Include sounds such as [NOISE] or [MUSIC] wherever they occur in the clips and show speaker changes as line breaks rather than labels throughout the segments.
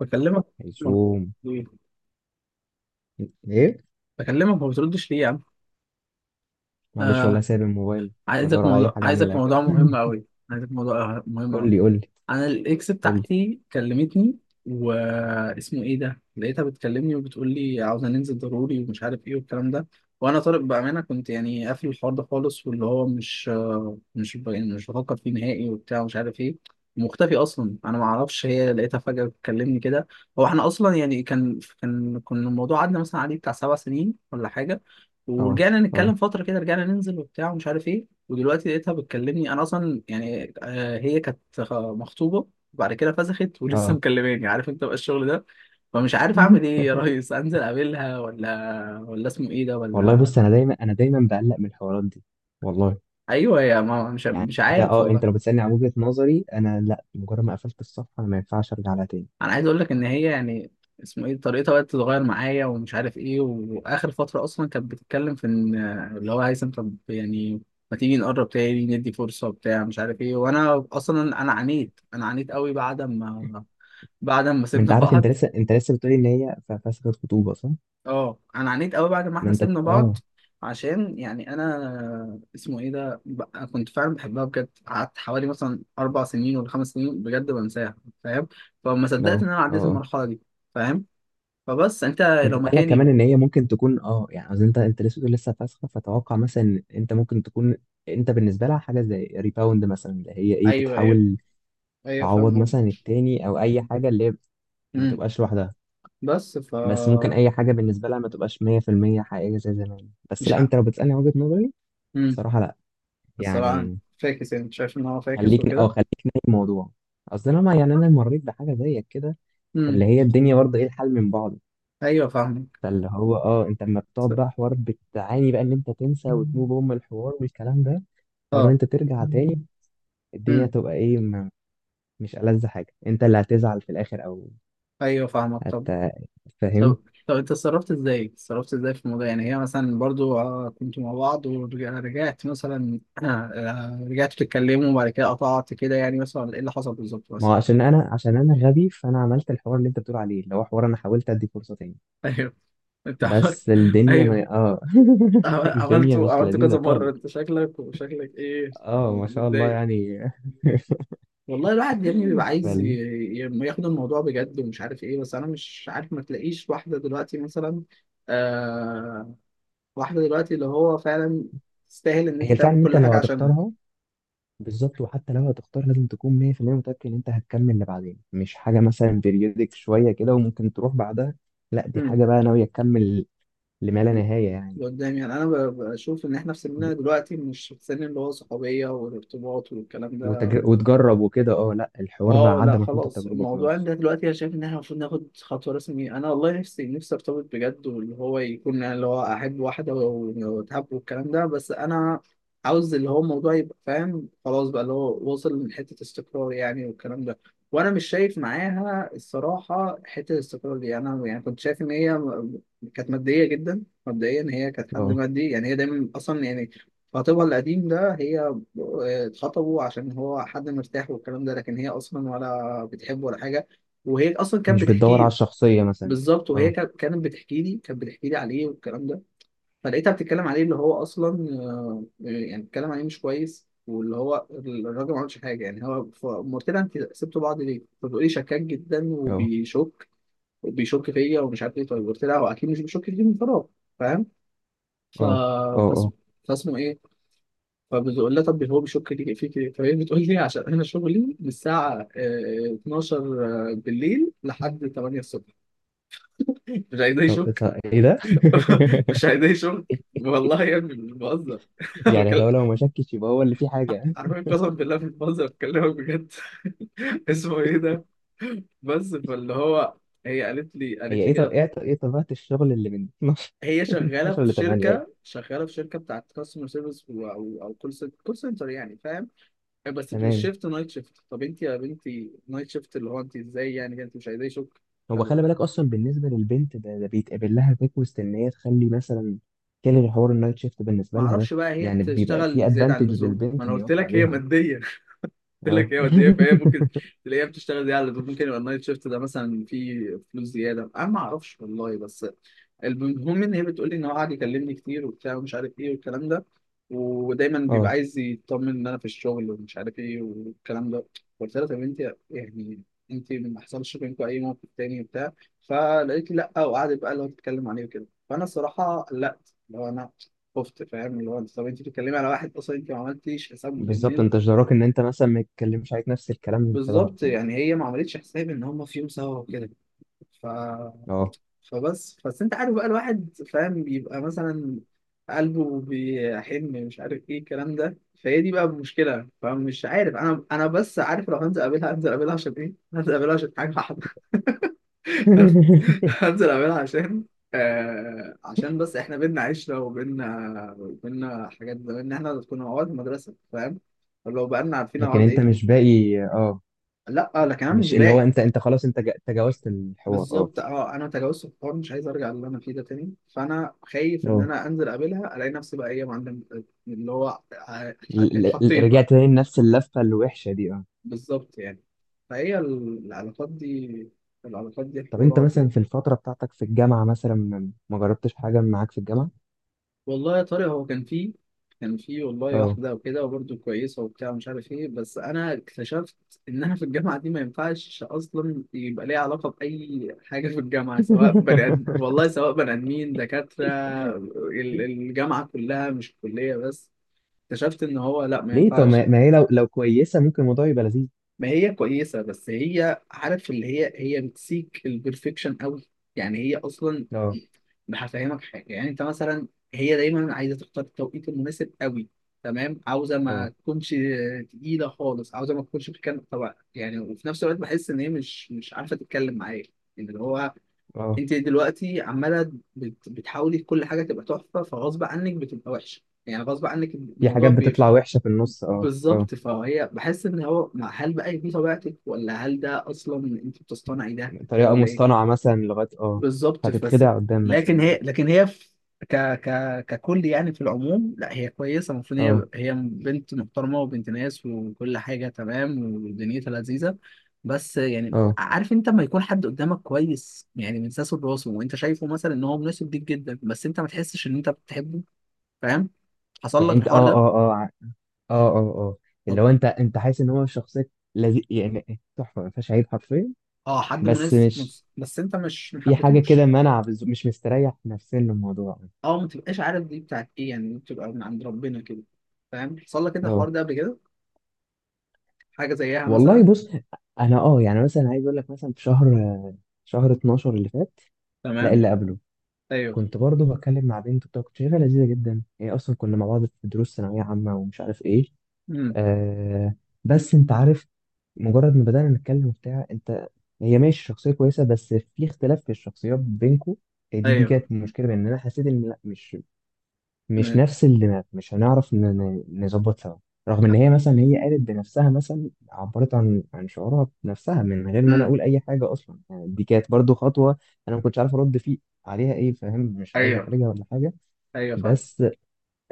بكلمك
هيسوم،
ليه؟
ايه.
بكلمك ما بتردش ليه يا عم؟
معلش والله،
آه.
سايب الموبايل،
عايزك
بدور على اي
موضوع
حاجه
عايزك
اعملها كده.
موضوع
[LAUGHS]
مهم قوي عايزك موضوع مهم قوي.
قول لي، قول لي،
انا الاكس
قول لي.
بتاعتي كلمتني. واسمه ايه ده، لقيتها بتكلمني وبتقول لي عاوزه ننزل ضروري ومش عارف ايه والكلام ده. وانا طارق بامانه كنت يعني قافل الحوار ده خالص، واللي هو مش مش ب- يعني مش بفكر فيه نهائي وبتاع ومش عارف ايه، مختفي اصلا، انا ما اعرفش. هي لقيتها فجاه بتكلمني كده. هو احنا اصلا يعني كان الموضوع عدى مثلا عليه بتاع 7 سنين ولا حاجه،
اه،
ورجعنا نتكلم
اه،
فتره كده، رجعنا ننزل وبتاع ومش عارف ايه. ودلوقتي لقيتها بتكلمني. انا اصلا يعني هي كانت مخطوبه وبعد كده فسخت [LAUGHS] ولسه
اه.
مكلماني. عارف انت بقى الشغل ده. فمش عارف اعمل
[LAUGHS]
ايه يا ريس، انزل اقابلها ولا اسمه ايه ده
والله
ولا.
بص، انا دايما بقلق من الحوارات دي، والله.
[LAUGHS] ايوه يا ما، مش
يعني
مش
انت
عارف
اه انت
والله.
لو بتسالني عن وجهه نظري، انا لا، مجرد ما قفلت الصفحه انا ما ينفعش ارجع لها تاني.
انا عايز اقول لك ان هي يعني اسمه ايه، طريقتها بقت تتغير معايا ومش عارف ايه، واخر فتره اصلا كانت بتتكلم في ان اللي هو هيثم طب يعني ما تيجي نقرب تاني ندي فرصه بتاع مش عارف ايه. وانا اصلا انا عانيت قوي بعد ما
ما
سيبنا
انت عارف، انت
بعض.
لسه انت لسه بتقولي ان هي فسخة خطوبه، صح؟
اه، انا عانيت قوي بعد ما
ما
احنا
انت،
سيبنا بعض.
اه،
عشان يعني انا اسمه ايه ده بقى، كنت فعلا بحبها بجد، قعدت حوالي مثلا 4 سنين ولا 5 سنين بجد بنساها، فاهم؟ فما
اه،
صدقت
اه،
ان انا عديت
آه.
المرحله دي، فاهم؟ فبس انت
انت
لو
طالع كمان
مكاني.
ان هي ممكن تكون، يعني عايز، انت لسه بتقول لسه فاسخه، فتوقع مثلا ان انت ممكن تكون انت بالنسبه لها حاجه زي ريباوند، مثلا اللي هي ايه،
ايوه، ايوه،
بتحاول
ايوه،
تعوض
فاهم
مثلا
قصدي.
التاني، او اي حاجه اللي هي ما
امم
تبقاش لوحدها.
بس ف
بس ممكن اي حاجه بالنسبه لها ما تبقاش 100% حقيقيه زي زمان. بس
مش
لا،
عارف.
انت لو بتسالني وجهه نظري،
امم
صراحه لا،
الصراحه يعني
يعني.
فاكس، يعني شايف ان هو فاكس
خليك اه
وكده.
خليك نايم الموضوع. اصل انا، ما يعني انا مريت بحاجه زيك كده، اللي
امم
هي الدنيا برضه ايه الحل من بعض.
ايوه فاهمك.
فاللي هو انت لما
س-
بتقعد بقى حوار، بتعاني بقى ان انت تنسى وتموف اون من الحوار والكلام ده. حوار ان
اه.
انت ترجع تاني، الدنيا
امم
تبقى ايه، ما مش ألذ حاجة؟ انت اللي هتزعل في الاخر، او
ايوه فاهمك.
هت فاهم.
طب طب انت اتصرفت ازاي؟ اتصرفت ازاي في الموضوع؟ يعني هي مثلا برضو كنتوا مع بعض ورجعت مثلا [CLEARS THROAT] رجعتوا تتكلموا وبعد كده قطعت كده، يعني مثلا ايه اللي حصل بالظبط
ما هو
مثلا؟
عشان انا غبي، فانا عملت الحوار اللي انت بتقول عليه، اللي هو حوار انا حاولت ادي فرصة تاني.
[LAUGHS] ايوه، انت عملت
بس
[LAUGHS]
الدنيا،
ايوه،
ما اه [LAUGHS] الدنيا
عملته
مش
عملته
لذيذة
كذا مرة،
خالص.
انت شكلك، وشكلك ايه
اه، ما شاء الله
متضايق؟
يعني. [LAUGHS]
والله الواحد يا ابني بيبقى عايز
فال...
ياخد الموضوع بجد ومش عارف ايه، بس انا مش عارف، ما تلاقيش واحدة دلوقتي مثلا آه واحدة دلوقتي اللي هو فعلا تستاهل ان
هي
انت
الفعل
تعمل
ان انت
كل
لو
حاجة عشانها.
هتختارها. بالظبط، وحتى لو هتختار لازم تكون 100% متأكد إن أنت هتكمل لبعدين، مش حاجة مثلا بيريودك شوية كده وممكن تروح بعدها. لا، دي
مم.
حاجة بقى ناوية تكمل لما لا نهاية يعني.
قدام يعني انا بشوف ان احنا في سننا دلوقتي مش في السن اللي هو صحوبيه والارتباط والكلام ده.
وتجرب وكده. اه لا، الحوار بقى
اه لا،
عدى مرحلة
خلاص
التجربة
الموضوع
خلاص.
ده دلوقتي، انا شايف ان احنا المفروض ناخد خطوه رسميه. انا والله نفسي، نفسي ارتبط بجد، واللي هو يكون يعني اللي هو احب واحده واتحب والكلام ده. بس انا عاوز اللي هو الموضوع يبقى، فاهم، خلاص بقى اللي هو وصل لحته استقرار يعني والكلام ده. وانا مش شايف معاها الصراحه حته الاستقرار دي. انا يعني كنت شايف ان هي كانت ماديه جدا. مبدئيا هي كانت حد
اه،
مادي، يعني هي دايما اصلا يعني خطيبها القديم ده، هي اتخطبوا عشان هو حد مرتاح والكلام ده، لكن هي اصلا ولا بتحبه ولا حاجه. وهي اصلا كانت
مش بتدور
بتحكي
على
لي.
الشخصية مثلا.
بالظبط، وهي
اه،
كانت بتحكي لي عليه والكلام ده. فلقيتها بتتكلم عليه اللي هو اصلا يعني بتتكلم عليه مش كويس، واللي هو الراجل ما عملش حاجه يعني. هو فقام قلت لها انت سبتوا بعض ليه؟ فبتقول لي شكاك جدا
اه،
وبيشك فيا ومش عارف ايه. طيب قلت لها هو اكيد مش بيشك فيك من فراغ، فاهم؟ ف...
اه، اه، اه.
فاسمه فاسمه ايه، فبتقول لها طب هو بيشك لي فيك ايه؟ فهي بتقول لي عشان انا شغلي من الساعه 12 بالليل لحد 8 الصبح، مش عايزاه
طب إيه؟
يشك.
طب ايه ده؟
[LAUGHS] مش
[LAUGHS]
عايزاه يشك. والله يا ابني مش بهزر. [LAUGHS]
يعني
بكلم-
ده لو ما شكش يبقى هو اللي فيه حاجة.
عارفين، قسم بالله مش بهزر، بكلمك بجد. [LAUGHS] اسمه ايه ده؟ بس فاللي هو هي قالت لي
هي
قالت لي
ايه طب
كده.
ايه طب- إيه طبيعة الشغل اللي من
هي
[LAUGHS]
شغاله
12 ل
في
8؟
شركه شغاله في شركه بتاعت كاستمر سيرفيس او كول سنتر يعني، فاهم؟ بس في
تمام.
الشيفت نايت شيفت. طب انت يا بنتي نايت شيفت اللي هو انت ازاي يعني؟ انت مش عايزاه يشك؟
هو
طب
خلي بالك، اصلا بالنسبه للبنت ده بيتقابل لها ريكوست ان هي تخلي مثلا تلغي حوار النايت شيفت
ما
بالنسبه لها ده.
اعرفش بقى، هي
يعني بيبقى
بتشتغل
في
زياده عن
ادفانتج
اللزوم، ما
للبنت
انا
ان
قلت
يوافق
لك هي
عليها.
ماديه. قلت
اه.
لك هي وديه، فهي
[LAUGHS]
ممكن تلاقيها بتشتغل زياده على اللابتوب. ممكن يبقى النايت شيفت ده مثلا فيه فلوس زياده، انا ما اعرفش والله. بس المهم ان هي بتقول لي ان هو قاعد يكلمني كتير وبتاع ومش عارف ايه والكلام ده. ودايما
اه،
بيبقى عايز يطمن ان انا في الشغل ومش عارف ايه والكلام ده. قلت لها طب انت يعني انت ما حصلش بينكم اي موقف تاني وبتاع؟ فلقيت لي لا، وقعدت بقى اللي هو تتكلم عليه وكده. فانا الصراحه قلقت، اللي هو انا خفت، فاهم؟ اللي هو طب انت بتتكلمي على واحد، اصلا انت ما عملتيش حساب ان.
بالظبط، انت جدراك ان انت مثلا ما تتكلمش عليك نفس الكلام في
بالظبط
ظهرك يعني.
يعني هي ما عملتش حساب ان هم في يوم سوا وكده. ف...
اه.
فبس انت عارف بقى، الواحد فاهم بيبقى مثلا قلبه بيحن، مش عارف ايه الكلام ده. فهي دي بقى المشكله. فمش عارف انا بس عارف لو هنزل اقابلها هنزل اقابلها عشان ايه. هنزل اقابلها عشان حاجه واحده. [LAUGHS]
[LAUGHS]
هنزل اقابلها عشان عشان بس احنا بينا عشره، وبينا حاجات زمان ان احنا كنا مع بعض في المدرسه، فاهم؟ لو بقالنا عارفين
لكن
بعض
انت
ايه.
مش باقي،
لا لكن انا مش
مش اللي هو،
باقي.
انت خلاص انت تجاوزت الحوار. اه.
بالظبط، اه، انا تجاوزت الحوار، مش عايز ارجع للي انا فيه ده تاني. فانا خايف ان
اه
انا انزل اقابلها الاقي نفسي بقى هي معلم، اللي هو اتحطيت بقى.
رجعت تاني لنفس اللفه الوحشه دي. اه.
بالظبط يعني فهي العلاقات دي
طب انت
حوارات
مثلا
يعني.
في الفتره بتاعتك في الجامعه، مثلا ما جربتش حاجه معاك في الجامعه؟
والله يا طارق هو كان فيه والله
اه.
واحدة وكده، وبرده كويسة وبتاع مش عارف ايه، بس أنا اكتشفت إنها في الجامعة دي ما ينفعش أصلا يبقى ليها علاقة بأي حاجة في الجامعة، سواء بني آدم
[LAUGHS]
والله سواء بني آدمين دكاترة. الجامعة كلها مش الكلية بس. اكتشفت إن هو لأ، ما
ليه؟ طب ما
ينفعش.
ما هي، لو كويسه ممكن الموضوع يبقى لذيذ.
ما هي كويسة، بس هي، عارف اللي هي بتسيك البرفكشن قوي، يعني هي أصلا،
اه،
هفهمك حاجة، يعني أنت مثلا، هي دايما عايزة تختار التوقيت المناسب قوي تمام، عاوزة ما
اه،
تكونش تقيلة خالص، عاوزة ما تكونش بتتكلم طبعا يعني، وفي نفس الوقت بحس إن هي مش عارفة تتكلم معايا. يعني اللي هو
اه.
أنت دلوقتي عمالة بتحاولي كل حاجة تبقى تحفة، فغصب عنك بتبقى وحشة يعني، غصب عنك
في
الموضوع.
حاجات بتطلع وحشه في النص. اه، اه.
بالظبط، فهي بحس ان هو هل بقى دي طبيعتك، ولا هل ده اصلا انت بتصطنعي ده،
طريقه
ولا ايه؟
مصطنعه مثلا لغايه. اه.
بالظبط، بس
هتتخدع قدام
لكن
مثلا.
هي لكن هي في ك ك ككل يعني، في العموم لا هي كويسه، المفروض،
اه،
هي بنت محترمه وبنت ناس وكل حاجه تمام ودنيتها لذيذه. بس يعني
اه.
عارف انت لما يكون حد قدامك كويس يعني من ساسه لراسه، وانت شايفه مثلا ان هو مناسب ليك جدا، بس انت ما تحسش ان انت بتحبه، فاهم؟ حصل
يعني
لك
انت، اه،
الحوار ده؟
اه، اه، اه، اه، اه، اللي هو انت حاسس ان هو شخصيه لذيذ، يعني تحفه ما فيهاش عيب حرفيا.
اه، حد
بس
مناسب
مش،
بس انت مش
في حاجه كده
محبتوش.
منع، مش مستريح نفسيا للموضوع.
اه، ما تبقاش عارف دي بتاعت ايه يعني، بتبقى من عند ربنا كده، فاهم؟ حصل لك كده الحوار
اه.
ده قبل كده؟ حاجه زيها
والله
مثلا؟
بص، انا يعني مثلا عايز اقول لك مثلا، في شهر 12 اللي فات، لا
تمام.
اللي قبله،
ايوه.
كنت برضه بتكلم مع بنت بتاع، كنت شايفها لذيذه جدا. هي اصلا كنا مع بعض في دروس ثانويه عامه ومش عارف ايه.
امم.
آه. بس انت عارف، مجرد ما بدانا نتكلم بتاع، انت، هي ماشي شخصيه كويسه بس في اختلاف في الشخصيات بينكم. دي
ايوه.
كانت مشكله، بان انا حسيت ان لا، مش نفس الدماغ، مش هنعرف نظبط سوا، رغم ان هي مثلا، هي قالت بنفسها، مثلا عبرت عن شعورها بنفسها من غير ما انا
امم.
اقول اي حاجه اصلا، يعني دي كانت برضو خطوه. انا ما كنتش عارف ارد فيه عليها ايه، فاهم، مش عايز
ايوه،
احرجها ولا حاجه.
ايوه، فاهم.
بس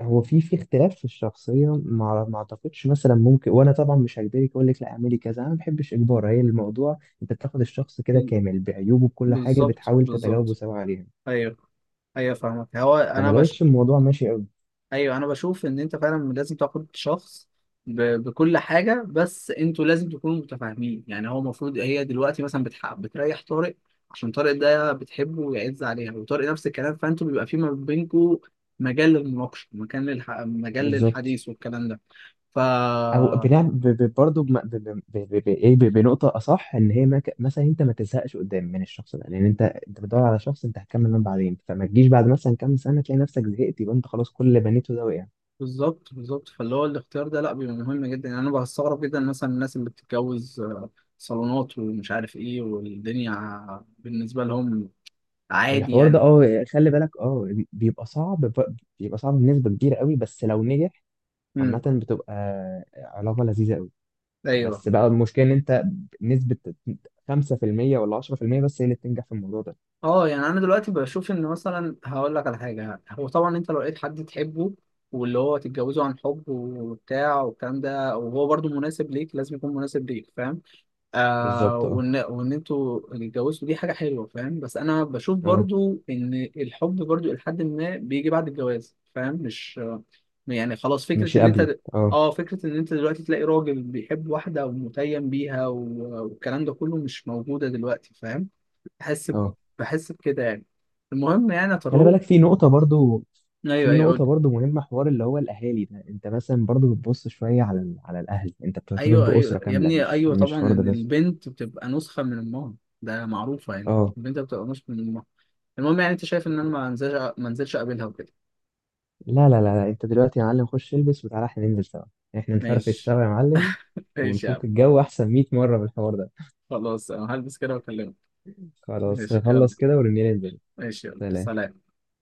هو في اختلاف في الشخصيه، ما اعتقدش مثلا ممكن، وانا طبعا مش هجبرك اقول لك لا اعملي كذا، انا ما بحبش اجبار. هي الموضوع انت بتاخد الشخص كده
بال-
كامل بعيوبه، بكل حاجه
بالظبط
بتحاول تتجاوبوا
بالظبط
سوا عليها،
ايوه، ايوه، فاهمك. هو
فما
انا،
لقيتش الموضوع ماشي قوي.
ايوه انا بشوف ان انت فعلا لازم تاخد شخص بكل حاجه، بس انتوا لازم تكونوا متفاهمين يعني. هو المفروض هي دلوقتي مثلا بتريح طارق عشان طارق ده بتحبه ويعز عليها، وطارق نفس الكلام، فانتوا بيبقى في ما بينكم مجال للمناقشه، مجال
بالظبط،
للحديث والكلام ده. ف
او بنعمل برضه ايه، بنقطه اصح، ان هي ما ك- مثلا انت ما تزهقش قدام من الشخص ده، لان انت بتدور على شخص انت هتكمل معاه بعدين، فما تجيش بعد مثلا كام سنه تلاقي نفسك زهقت، يبقى انت خلاص كل اللي بنيته ده وقع.
بالظبط، فاللي هو الاختيار ده لا بيبقى مهم جدا يعني. انا بستغرب جدا مثلا الناس اللي بتتجوز صالونات ومش عارف ايه، والدنيا بالنسبه لهم عادي
الحوار ده، خلي بالك، بيبقى صعب، بيبقى صعب بنسبه كبيره قوي، بس لو نجح
يعني.
عامه بتبقى علاقه لذيذه قوي.
ايوه.
بس بقى المشكله ان انت، نسبه 5% ولا 10% بس هي اللي بتنجح في الموضوع ده.
اه يعني انا دلوقتي بشوف ان، مثلا هقول لك على حاجه، هو طبعا انت لو لقيت حد تحبه واللي هو تتجوزه عن حب وبتاع والكلام ده، وهو برضو مناسب ليك، لازم يكون مناسب ليك، فاهم؟ آه
بالظبط. اه،
وان وان انتوا اتجوزتوا، دي حاجه حلوه، فاهم؟ بس انا بشوف
اه.
برضو ان الحب برضو لحد ما بيجي بعد الجواز، فاهم؟ مش يعني خلاص فكرة
مش
إن أنت
قبل. اه،
فكرة إن أنت دلوقتي تلاقي راجل بيحب واحدة ومتيم بيها والكلام ده كله مش موجودة دلوقتي، فاهم؟ بحس ب...
اه.
بحس بكده يعني. المهم يعني يا
خلي
طارق.
بالك
ايوه،
في
ايوه، قول.
نقطة برضو مهمة، حوار اللي هو الأهالي ده. أنت مثلا برضو بتبص شوية على على الأهل، أنت بترتبط
ايوه، ايوه
بأسرة
يا
كاملة،
ابني،
مش
ايوه
مش
طبعا،
فرد
ان
بس.
البنت بتبقى نسخه من امها، ده معروفه يعني،
أه.
البنت بتبقى نسخه من امها. المهم يعني انت شايف ان انا ما انزلش اقابلها وكده؟
لا لا لا لا، أنت دلوقتي يا معلم خش البس وتعالى، إحنا ننزل سوا. إحنا نفرفش
ماشي،
سوا يا معلم،
ماشي يا عم.
ونفك الجو أحسن 100 مرة بالحوار ده.
خلاص انا هلبس كده واكلمك.
خلاص
ماشي، يلا.
نخلص كده ورنينا ننزل.
ماشي، يلا،
سلام.
سلام.